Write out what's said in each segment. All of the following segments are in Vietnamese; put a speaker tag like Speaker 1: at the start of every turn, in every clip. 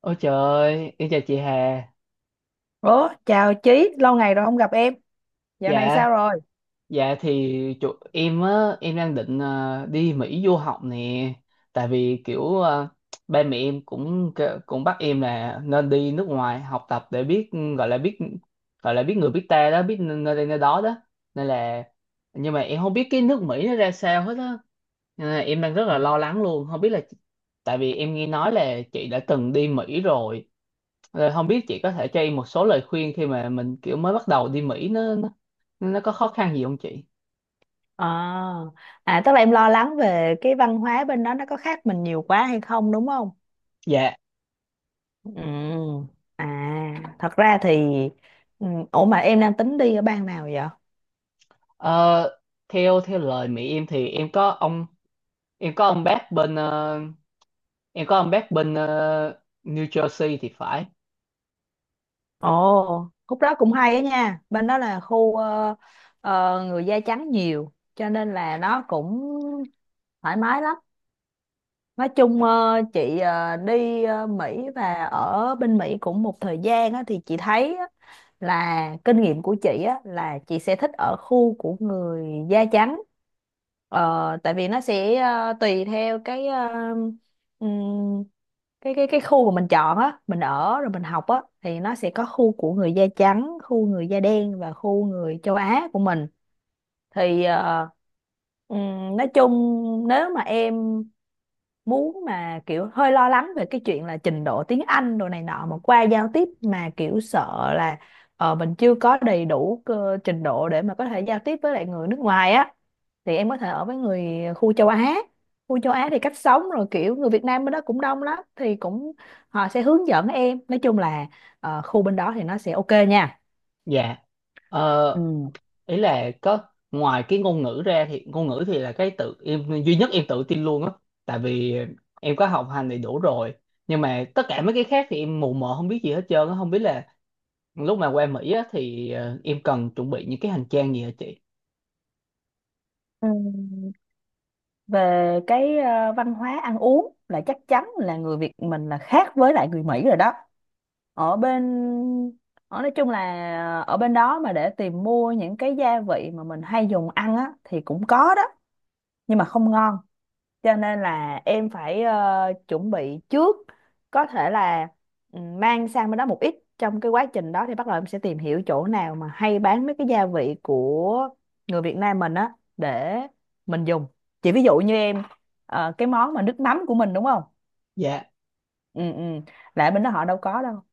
Speaker 1: Ôi trời ơi, em chào chị Hà.
Speaker 2: Ủa, chào Chí, lâu ngày rồi không gặp em. Dạo này
Speaker 1: Dạ,
Speaker 2: sao rồi?
Speaker 1: dạ thì em á, em đang định đi Mỹ du học nè. Tại vì kiểu ba mẹ em cũng cũng bắt em là nên đi nước ngoài học tập để biết, gọi là biết, gọi là biết người biết ta đó, biết nơi đây nơi đó đó. Nên là Nhưng mà em không biết cái nước Mỹ nó ra sao hết á. Nên là em đang rất là lo lắng luôn, không biết là, tại vì em nghe nói là chị đã từng đi Mỹ rồi. Rồi không biết chị có thể cho em một số lời khuyên khi mà mình kiểu mới bắt đầu đi Mỹ nó có khó khăn gì không chị?
Speaker 2: À, à, tức là em lo lắng về cái văn hóa bên đó nó có khác mình nhiều quá hay không, đúng không?
Speaker 1: Dạ,
Speaker 2: Ừ. À, thật ra thì ủa mà em đang tính đi ở bang nào vậy?
Speaker 1: ờ, theo theo lời mẹ em thì em có ông bác bên ờ, em có ông bác bên ờ, New Jersey thì phải.
Speaker 2: Ồ, khúc đó cũng hay á nha. Bên đó là khu người da trắng nhiều cho nên là nó cũng thoải mái lắm. Nói chung chị đi Mỹ và ở bên Mỹ cũng một thời gian á, thì chị thấy á, là kinh nghiệm của chị á là chị sẽ thích ở khu của người da trắng, tại vì nó sẽ tùy theo cái ừm, cái khu mà mình chọn á, mình ở rồi mình học á thì nó sẽ có khu của người da trắng, khu người da đen và khu người châu Á của mình. Thì nói chung, nếu mà em muốn mà kiểu hơi lo lắng về cái chuyện là trình độ tiếng Anh đồ này nọ mà qua giao tiếp mà kiểu sợ là mình chưa có đầy đủ trình độ để mà có thể giao tiếp với lại người nước ngoài á, thì em có thể ở với người khu châu Á. Khu châu Á thì cách sống rồi kiểu người Việt Nam bên đó cũng đông lắm thì cũng họ sẽ hướng dẫn em. Nói chung là khu bên đó thì nó sẽ ok nha.
Speaker 1: Dạ.
Speaker 2: Ừ.
Speaker 1: Ờ, ý là có, ngoài cái ngôn ngữ ra thì ngôn ngữ thì là cái tự em duy nhất em tự tin luôn á, tại vì em có học hành đầy đủ rồi. Nhưng mà tất cả mấy cái khác thì em mù mờ không biết gì hết trơn á, không biết là lúc mà qua Mỹ á, thì em cần chuẩn bị những cái hành trang gì hả chị?
Speaker 2: Ừ. Về cái văn hóa ăn uống là chắc chắn là người Việt mình là khác với lại người Mỹ rồi đó. ở bên Ở nói chung là ở bên đó mà để tìm mua những cái gia vị mà mình hay dùng ăn á thì cũng có đó, nhưng mà không ngon. Cho nên là em phải chuẩn bị trước, có thể là mang sang bên đó một ít. Trong cái quá trình đó thì bắt đầu em sẽ tìm hiểu chỗ nào mà hay bán mấy cái gia vị của người Việt Nam mình á để mình dùng. Chỉ ví dụ như em cái món mà nước mắm của mình, đúng không?
Speaker 1: Dạ.
Speaker 2: Ừ ừ là ở bên đó họ đâu có đâu.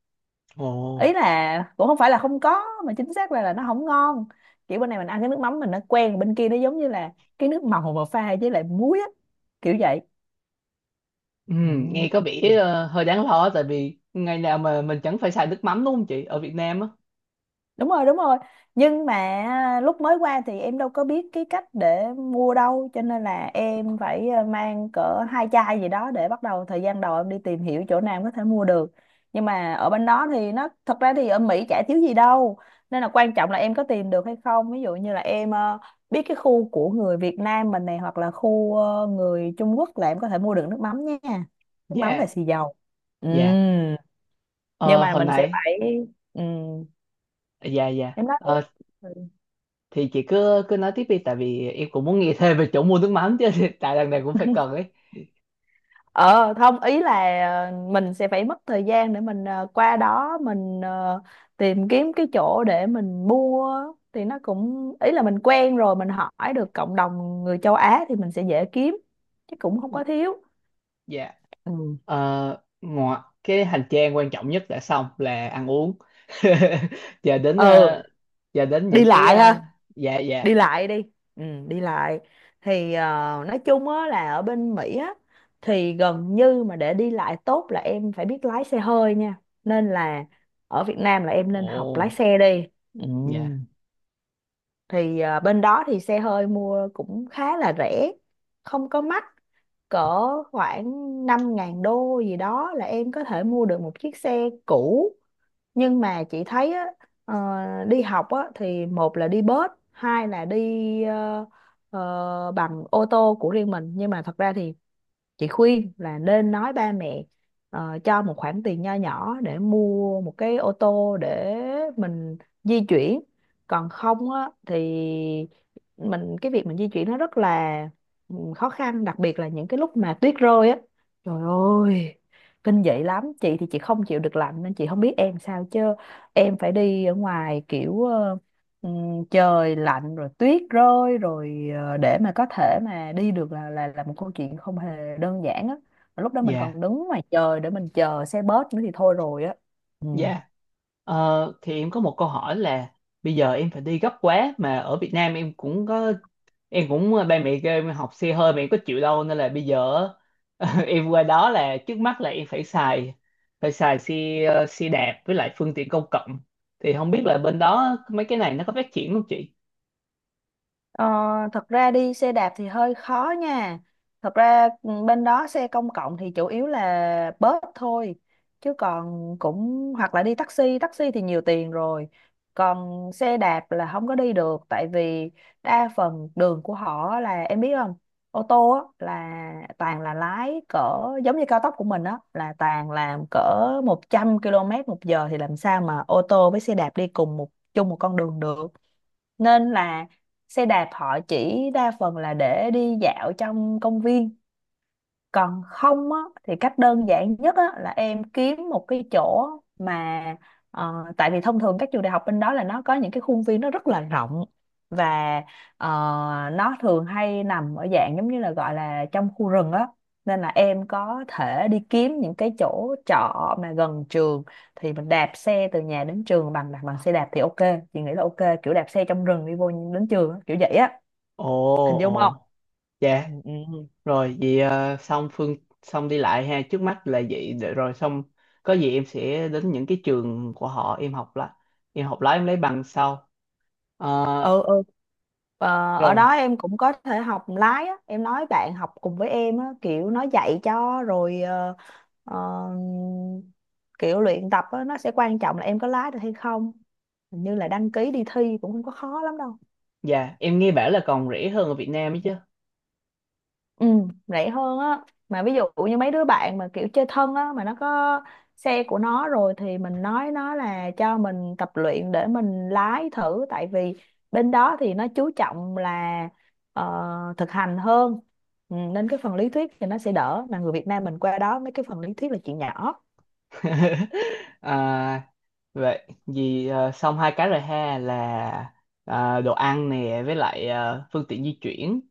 Speaker 1: Ồ.
Speaker 2: Ý là cũng không phải là không có mà chính xác ra là nó không ngon. Kiểu bên này mình ăn cái nước mắm mình nó quen, bên kia nó giống như là cái nước màu mà pha với lại muối á, kiểu vậy.
Speaker 1: Ừ,
Speaker 2: Ừ.
Speaker 1: nghe có vẻ hơi đáng lo tại vì ngày nào mà mình chẳng phải xài nước mắm, đúng không chị, ở Việt Nam á.
Speaker 2: Đúng rồi, đúng rồi. Nhưng mà lúc mới qua thì em đâu có biết cái cách để mua đâu, cho nên là em phải mang cỡ 2 chai gì đó để bắt đầu. Thời gian đầu em đi tìm hiểu chỗ nào em có thể mua được. Nhưng mà ở bên đó thì nó thật ra thì ở Mỹ chả thiếu gì đâu, nên là quan trọng là em có tìm được hay không. Ví dụ như là em biết cái khu của người Việt Nam mình này, hoặc là khu người Trung Quốc là em có thể mua được nước mắm nha, nước mắm và
Speaker 1: Dạ,
Speaker 2: xì dầu.
Speaker 1: dạ,
Speaker 2: Ừm, nhưng
Speaker 1: ờ,
Speaker 2: mà
Speaker 1: hồi
Speaker 2: mình sẽ
Speaker 1: nãy,
Speaker 2: phải ừm,
Speaker 1: dạ, dạ.
Speaker 2: em nói
Speaker 1: Ờ,
Speaker 2: đi.
Speaker 1: thì chị cứ cứ nói tiếp đi, tại vì em cũng muốn nghe thêm về chỗ mua nước mắm chứ, tại lần này cũng phải cần ấy.
Speaker 2: Ờ không, ý là mình sẽ phải mất thời gian để mình qua đó mình tìm kiếm cái chỗ để mình mua. Thì nó cũng, ý là mình quen rồi, mình hỏi được cộng đồng người châu Á thì mình sẽ dễ kiếm, chứ cũng không có thiếu.
Speaker 1: Dạ,
Speaker 2: Ừ,
Speaker 1: ờ, ngoài cái hành trang quan trọng nhất đã xong là ăn uống. Giờ đến
Speaker 2: ừ, đi
Speaker 1: những cái
Speaker 2: lại
Speaker 1: ờ,
Speaker 2: ha,
Speaker 1: dạ
Speaker 2: đi
Speaker 1: dạ
Speaker 2: lại đi, đi lại thì nói chung á là ở bên Mỹ á thì gần như mà để đi lại tốt là em phải biết lái xe hơi nha, nên là ở Việt Nam là em nên học lái
Speaker 1: ồ.
Speaker 2: xe đi. Ừ,
Speaker 1: Dạ,
Speaker 2: thì bên đó thì xe hơi mua cũng khá là rẻ, không có mắc, cỡ khoảng 5.000 đô gì đó là em có thể mua được một chiếc xe cũ. Nhưng mà chị thấy á, ờ, đi học á, thì một là đi bus, hai là đi bằng ô tô của riêng mình. Nhưng mà thật ra thì chị khuyên là nên nói ba mẹ cho một khoản tiền nho nhỏ để mua một cái ô tô để mình di chuyển. Còn không á, thì mình cái việc mình di chuyển nó rất là khó khăn, đặc biệt là những cái lúc mà tuyết rơi á. Trời ơi, kinh dị lắm. Chị thì chị không chịu được lạnh nên chị không biết em sao, chứ em phải đi ở ngoài kiểu Ừ, trời lạnh rồi tuyết rơi rồi để mà có thể mà đi được là một câu chuyện không hề đơn giản á. Mà lúc đó mình
Speaker 1: dạ,
Speaker 2: còn đứng ngoài trời để mình chờ xe bus nữa thì thôi rồi á. ừ.
Speaker 1: dạ. Ờ, thì em có một câu hỏi là bây giờ em phải đi gấp quá mà ở Việt Nam em cũng có, em cũng ờ, ba mẹ kêu em học xe hơi mà em có chịu đâu, nên là bây giờ em qua đó là trước mắt là em phải phải xài xe ờ, xe đạp với lại phương tiện công cộng, thì không biết là bên đó mấy cái này nó có phát triển không chị?
Speaker 2: Ờ, thật ra đi xe đạp thì hơi khó nha. Thật ra bên đó xe công cộng thì chủ yếu là bus thôi. Chứ còn cũng hoặc là đi taxi, taxi thì nhiều tiền rồi. Còn xe đạp là không có đi được, tại vì đa phần đường của họ là em biết không? Ô tô á, là toàn là lái cỡ, giống như cao tốc của mình á là toàn làm cỡ 100 km một giờ thì làm sao mà ô tô với xe đạp đi cùng một, chung một con đường được. Nên là xe đạp họ chỉ đa phần là để đi dạo trong công viên. Còn không á, thì cách đơn giản nhất á, là em kiếm một cái chỗ mà tại vì thông thường các trường đại học bên đó là nó có những cái khuôn viên nó rất là rộng, và ờ, nó thường hay nằm ở dạng giống như là gọi là trong khu rừng á, nên là em có thể đi kiếm những cái chỗ trọ mà gần trường, thì mình đạp xe từ nhà đến trường bằng bằng xe đạp thì ok, chị nghĩ là ok, kiểu đạp xe trong rừng đi vô đến trường á, kiểu vậy á,
Speaker 1: Ồ,
Speaker 2: hình dung không?
Speaker 1: ồ,
Speaker 2: Ừ,
Speaker 1: dạ.
Speaker 2: ừ.
Speaker 1: Rồi vậy à, xong xong đi lại ha, trước mắt là vậy, để rồi xong có gì em sẽ đến những cái trường của họ em học lại. Em học lái em lấy bằng sau. Ờ,
Speaker 2: Ừ, ừ. Ở
Speaker 1: rồi,
Speaker 2: đó em cũng có thể học lái á, em nói bạn học cùng với em á kiểu nó dạy cho, rồi ờ, kiểu luyện tập á, nó sẽ quan trọng là em có lái được hay không. Hình như là đăng ký đi thi cũng không có khó lắm đâu.
Speaker 1: dạ, em nghe bảo là còn rẻ hơn ở Việt Nam ấy chứ.
Speaker 2: Ừ, rẻ hơn á, mà ví dụ như mấy đứa bạn mà kiểu chơi thân á mà nó có xe của nó rồi thì mình nói nó là cho mình tập luyện để mình lái thử. Tại vì bên đó thì nó chú trọng là ờ, thực hành hơn. Ừ, nên cái phần lý thuyết thì nó sẽ đỡ, mà người Việt Nam mình qua đó mấy cái phần lý thuyết là chuyện nhỏ.
Speaker 1: À, vậy vì à, xong hai cái rồi ha, là à, đồ ăn nè với lại à, phương tiện di chuyển.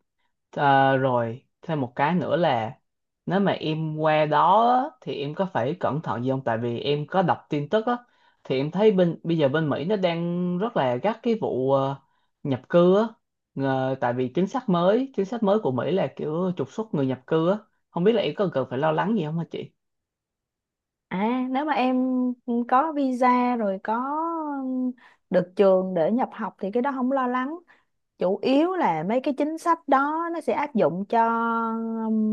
Speaker 1: Ờ, rồi thêm một cái nữa là nếu mà em qua đó á, thì em có phải cẩn thận gì không? Tại vì em có đọc tin tức á, thì em thấy bên, bây giờ bên Mỹ nó đang rất là gắt cái vụ nhập cư á. Tại vì chính sách mới của Mỹ là kiểu trục xuất người nhập cư á. Không biết là em có cần phải lo lắng gì không hả chị?
Speaker 2: À, nếu mà em có visa rồi, có được trường để nhập học thì cái đó không lo lắng. Chủ yếu là mấy cái chính sách đó nó sẽ áp dụng cho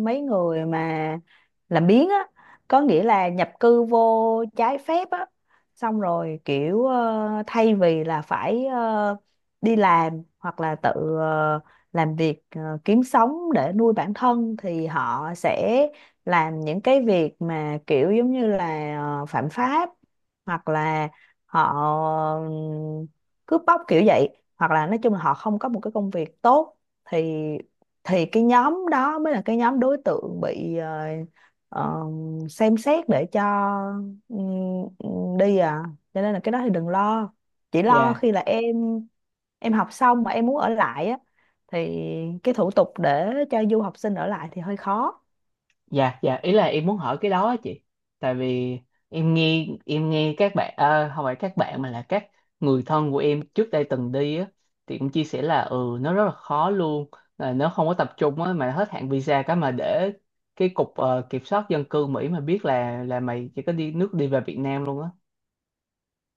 Speaker 2: mấy người mà làm biếng á, có nghĩa là nhập cư vô trái phép á, xong rồi kiểu thay vì là phải đi làm hoặc là tự ờ, làm việc, kiếm sống để nuôi bản thân thì họ sẽ làm những cái việc mà kiểu giống như là phạm pháp, hoặc là họ ừm, cướp bóc kiểu vậy, hoặc là nói chung là họ không có một cái công việc tốt. Thì cái nhóm đó mới là cái nhóm đối tượng bị ờ, xem xét để cho đi à. Cho nên là cái đó thì đừng lo, chỉ lo
Speaker 1: Dạ.
Speaker 2: khi là em học xong mà em muốn ở lại á thì cái thủ tục để cho du học sinh ở lại thì hơi khó.
Speaker 1: Dạ, dạ, ý là em muốn hỏi cái đó á chị, tại vì em nghe các bạn ờ, không phải các bạn mà là các người thân của em trước đây từng đi á, thì cũng chia sẻ là ừ nó rất là khó luôn, là nó không có tập trung á, mà hết hạn visa cái mà để cái cục kiểm soát dân cư Mỹ mà biết là mày chỉ có đi nước đi về Việt Nam luôn á.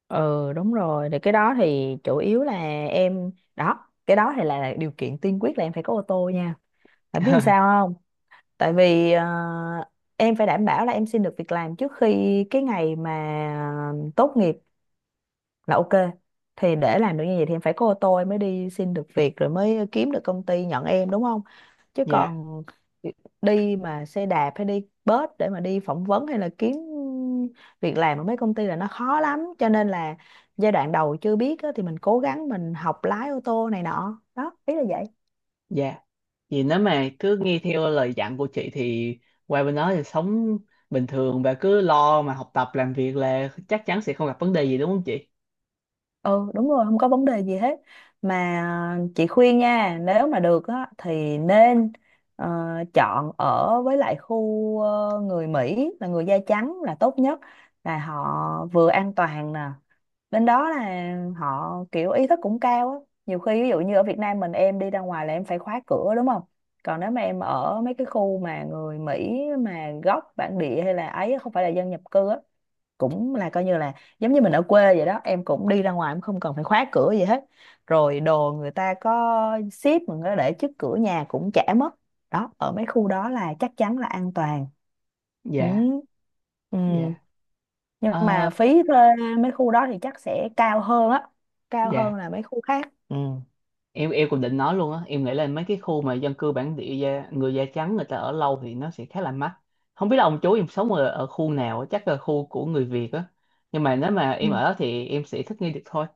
Speaker 2: Ừ, đúng rồi, thì cái đó thì chủ yếu là em đó, cái đó thì là điều kiện tiên quyết là em phải có ô tô nha, bạn biết làm sao không? Tại vì em phải đảm bảo là em xin được việc làm trước khi cái ngày mà tốt nghiệp là ok. Thì để làm được như vậy thì em phải có ô tô, em mới đi xin được việc rồi mới kiếm được công ty nhận em, đúng không? Chứ
Speaker 1: Dạ,
Speaker 2: còn đi mà xe đạp hay đi bus để mà đi phỏng vấn hay là kiếm việc làm ở mấy công ty là nó khó lắm, cho nên là giai đoạn đầu chưa biết á, thì mình cố gắng mình học lái ô tô này nọ đó, ý là vậy.
Speaker 1: dạ, vì nếu mà cứ nghe theo lời dặn của chị thì qua bên đó thì sống bình thường và cứ lo mà học tập làm việc là chắc chắn sẽ không gặp vấn đề gì đúng không chị.
Speaker 2: Ừ, đúng rồi, không có vấn đề gì hết. Mà chị khuyên nha, nếu mà được á thì nên ờ, chọn ở với lại khu người Mỹ là người da trắng là tốt nhất, là họ vừa an toàn nè, bên đó là họ kiểu ý thức cũng cao á. Nhiều khi ví dụ như ở Việt Nam mình em đi ra ngoài là em phải khóa cửa, đúng không? Còn nếu mà em ở mấy cái khu mà người Mỹ mà gốc bản địa, hay là ấy, không phải là dân nhập cư á, cũng là coi như là giống như mình ở quê vậy đó, em cũng đi ra ngoài em không cần phải khóa cửa gì hết, rồi đồ người ta có ship mình có để trước cửa nhà cũng chả mất. Đó, ở mấy khu đó là chắc chắn là an toàn. Ừ.
Speaker 1: Dạ,
Speaker 2: Ừ.
Speaker 1: dạ.
Speaker 2: Nhưng
Speaker 1: Ờ,
Speaker 2: mà phí thuê mấy khu đó thì chắc sẽ cao hơn á, cao
Speaker 1: dạ,
Speaker 2: hơn là mấy khu khác. Ừ.
Speaker 1: em cũng định nói luôn á, em nghĩ là mấy cái khu mà dân cư bản địa da, người da trắng người ta ở lâu thì nó sẽ khá là mắc. Không biết là ông chú em sống ở, ở khu nào á, chắc là khu của người Việt á, nhưng mà nếu mà em
Speaker 2: Ừ.
Speaker 1: ở đó thì em sẽ thích nghi được thôi.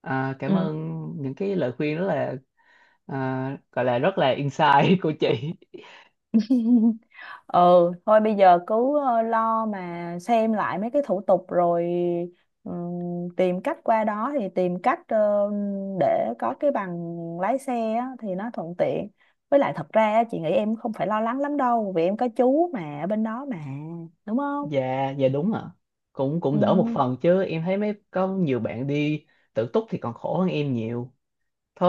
Speaker 1: À, cảm
Speaker 2: Ừ.
Speaker 1: ơn những cái lời khuyên rất là à, gọi là rất là insight của chị.
Speaker 2: Ừ, thôi bây giờ cứ lo mà xem lại mấy cái thủ tục rồi tìm cách qua đó, thì tìm cách để có cái bằng lái xe á, thì nó thuận tiện. Với lại thật ra á, chị nghĩ em không phải lo lắng lắm đâu, vì em có chú mà ở bên đó mà, đúng không?
Speaker 1: Dạ, dạ, đúng ạ, cũng cũng
Speaker 2: Ừ,
Speaker 1: đỡ một phần chứ em thấy mấy có nhiều bạn đi tự túc thì còn khổ hơn em nhiều.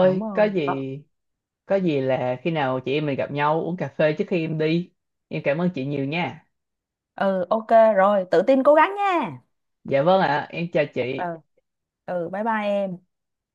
Speaker 2: đúng
Speaker 1: có
Speaker 2: rồi.
Speaker 1: gì,
Speaker 2: Ờ,
Speaker 1: có gì là khi nào chị em mình gặp nhau uống cà phê trước khi em đi. Em cảm ơn chị nhiều nha.
Speaker 2: ừ, ok, rồi tự tin cố gắng nha.
Speaker 1: Dạ vâng ạ, em chào
Speaker 2: Ừ,
Speaker 1: chị.
Speaker 2: ừ, bye bye em.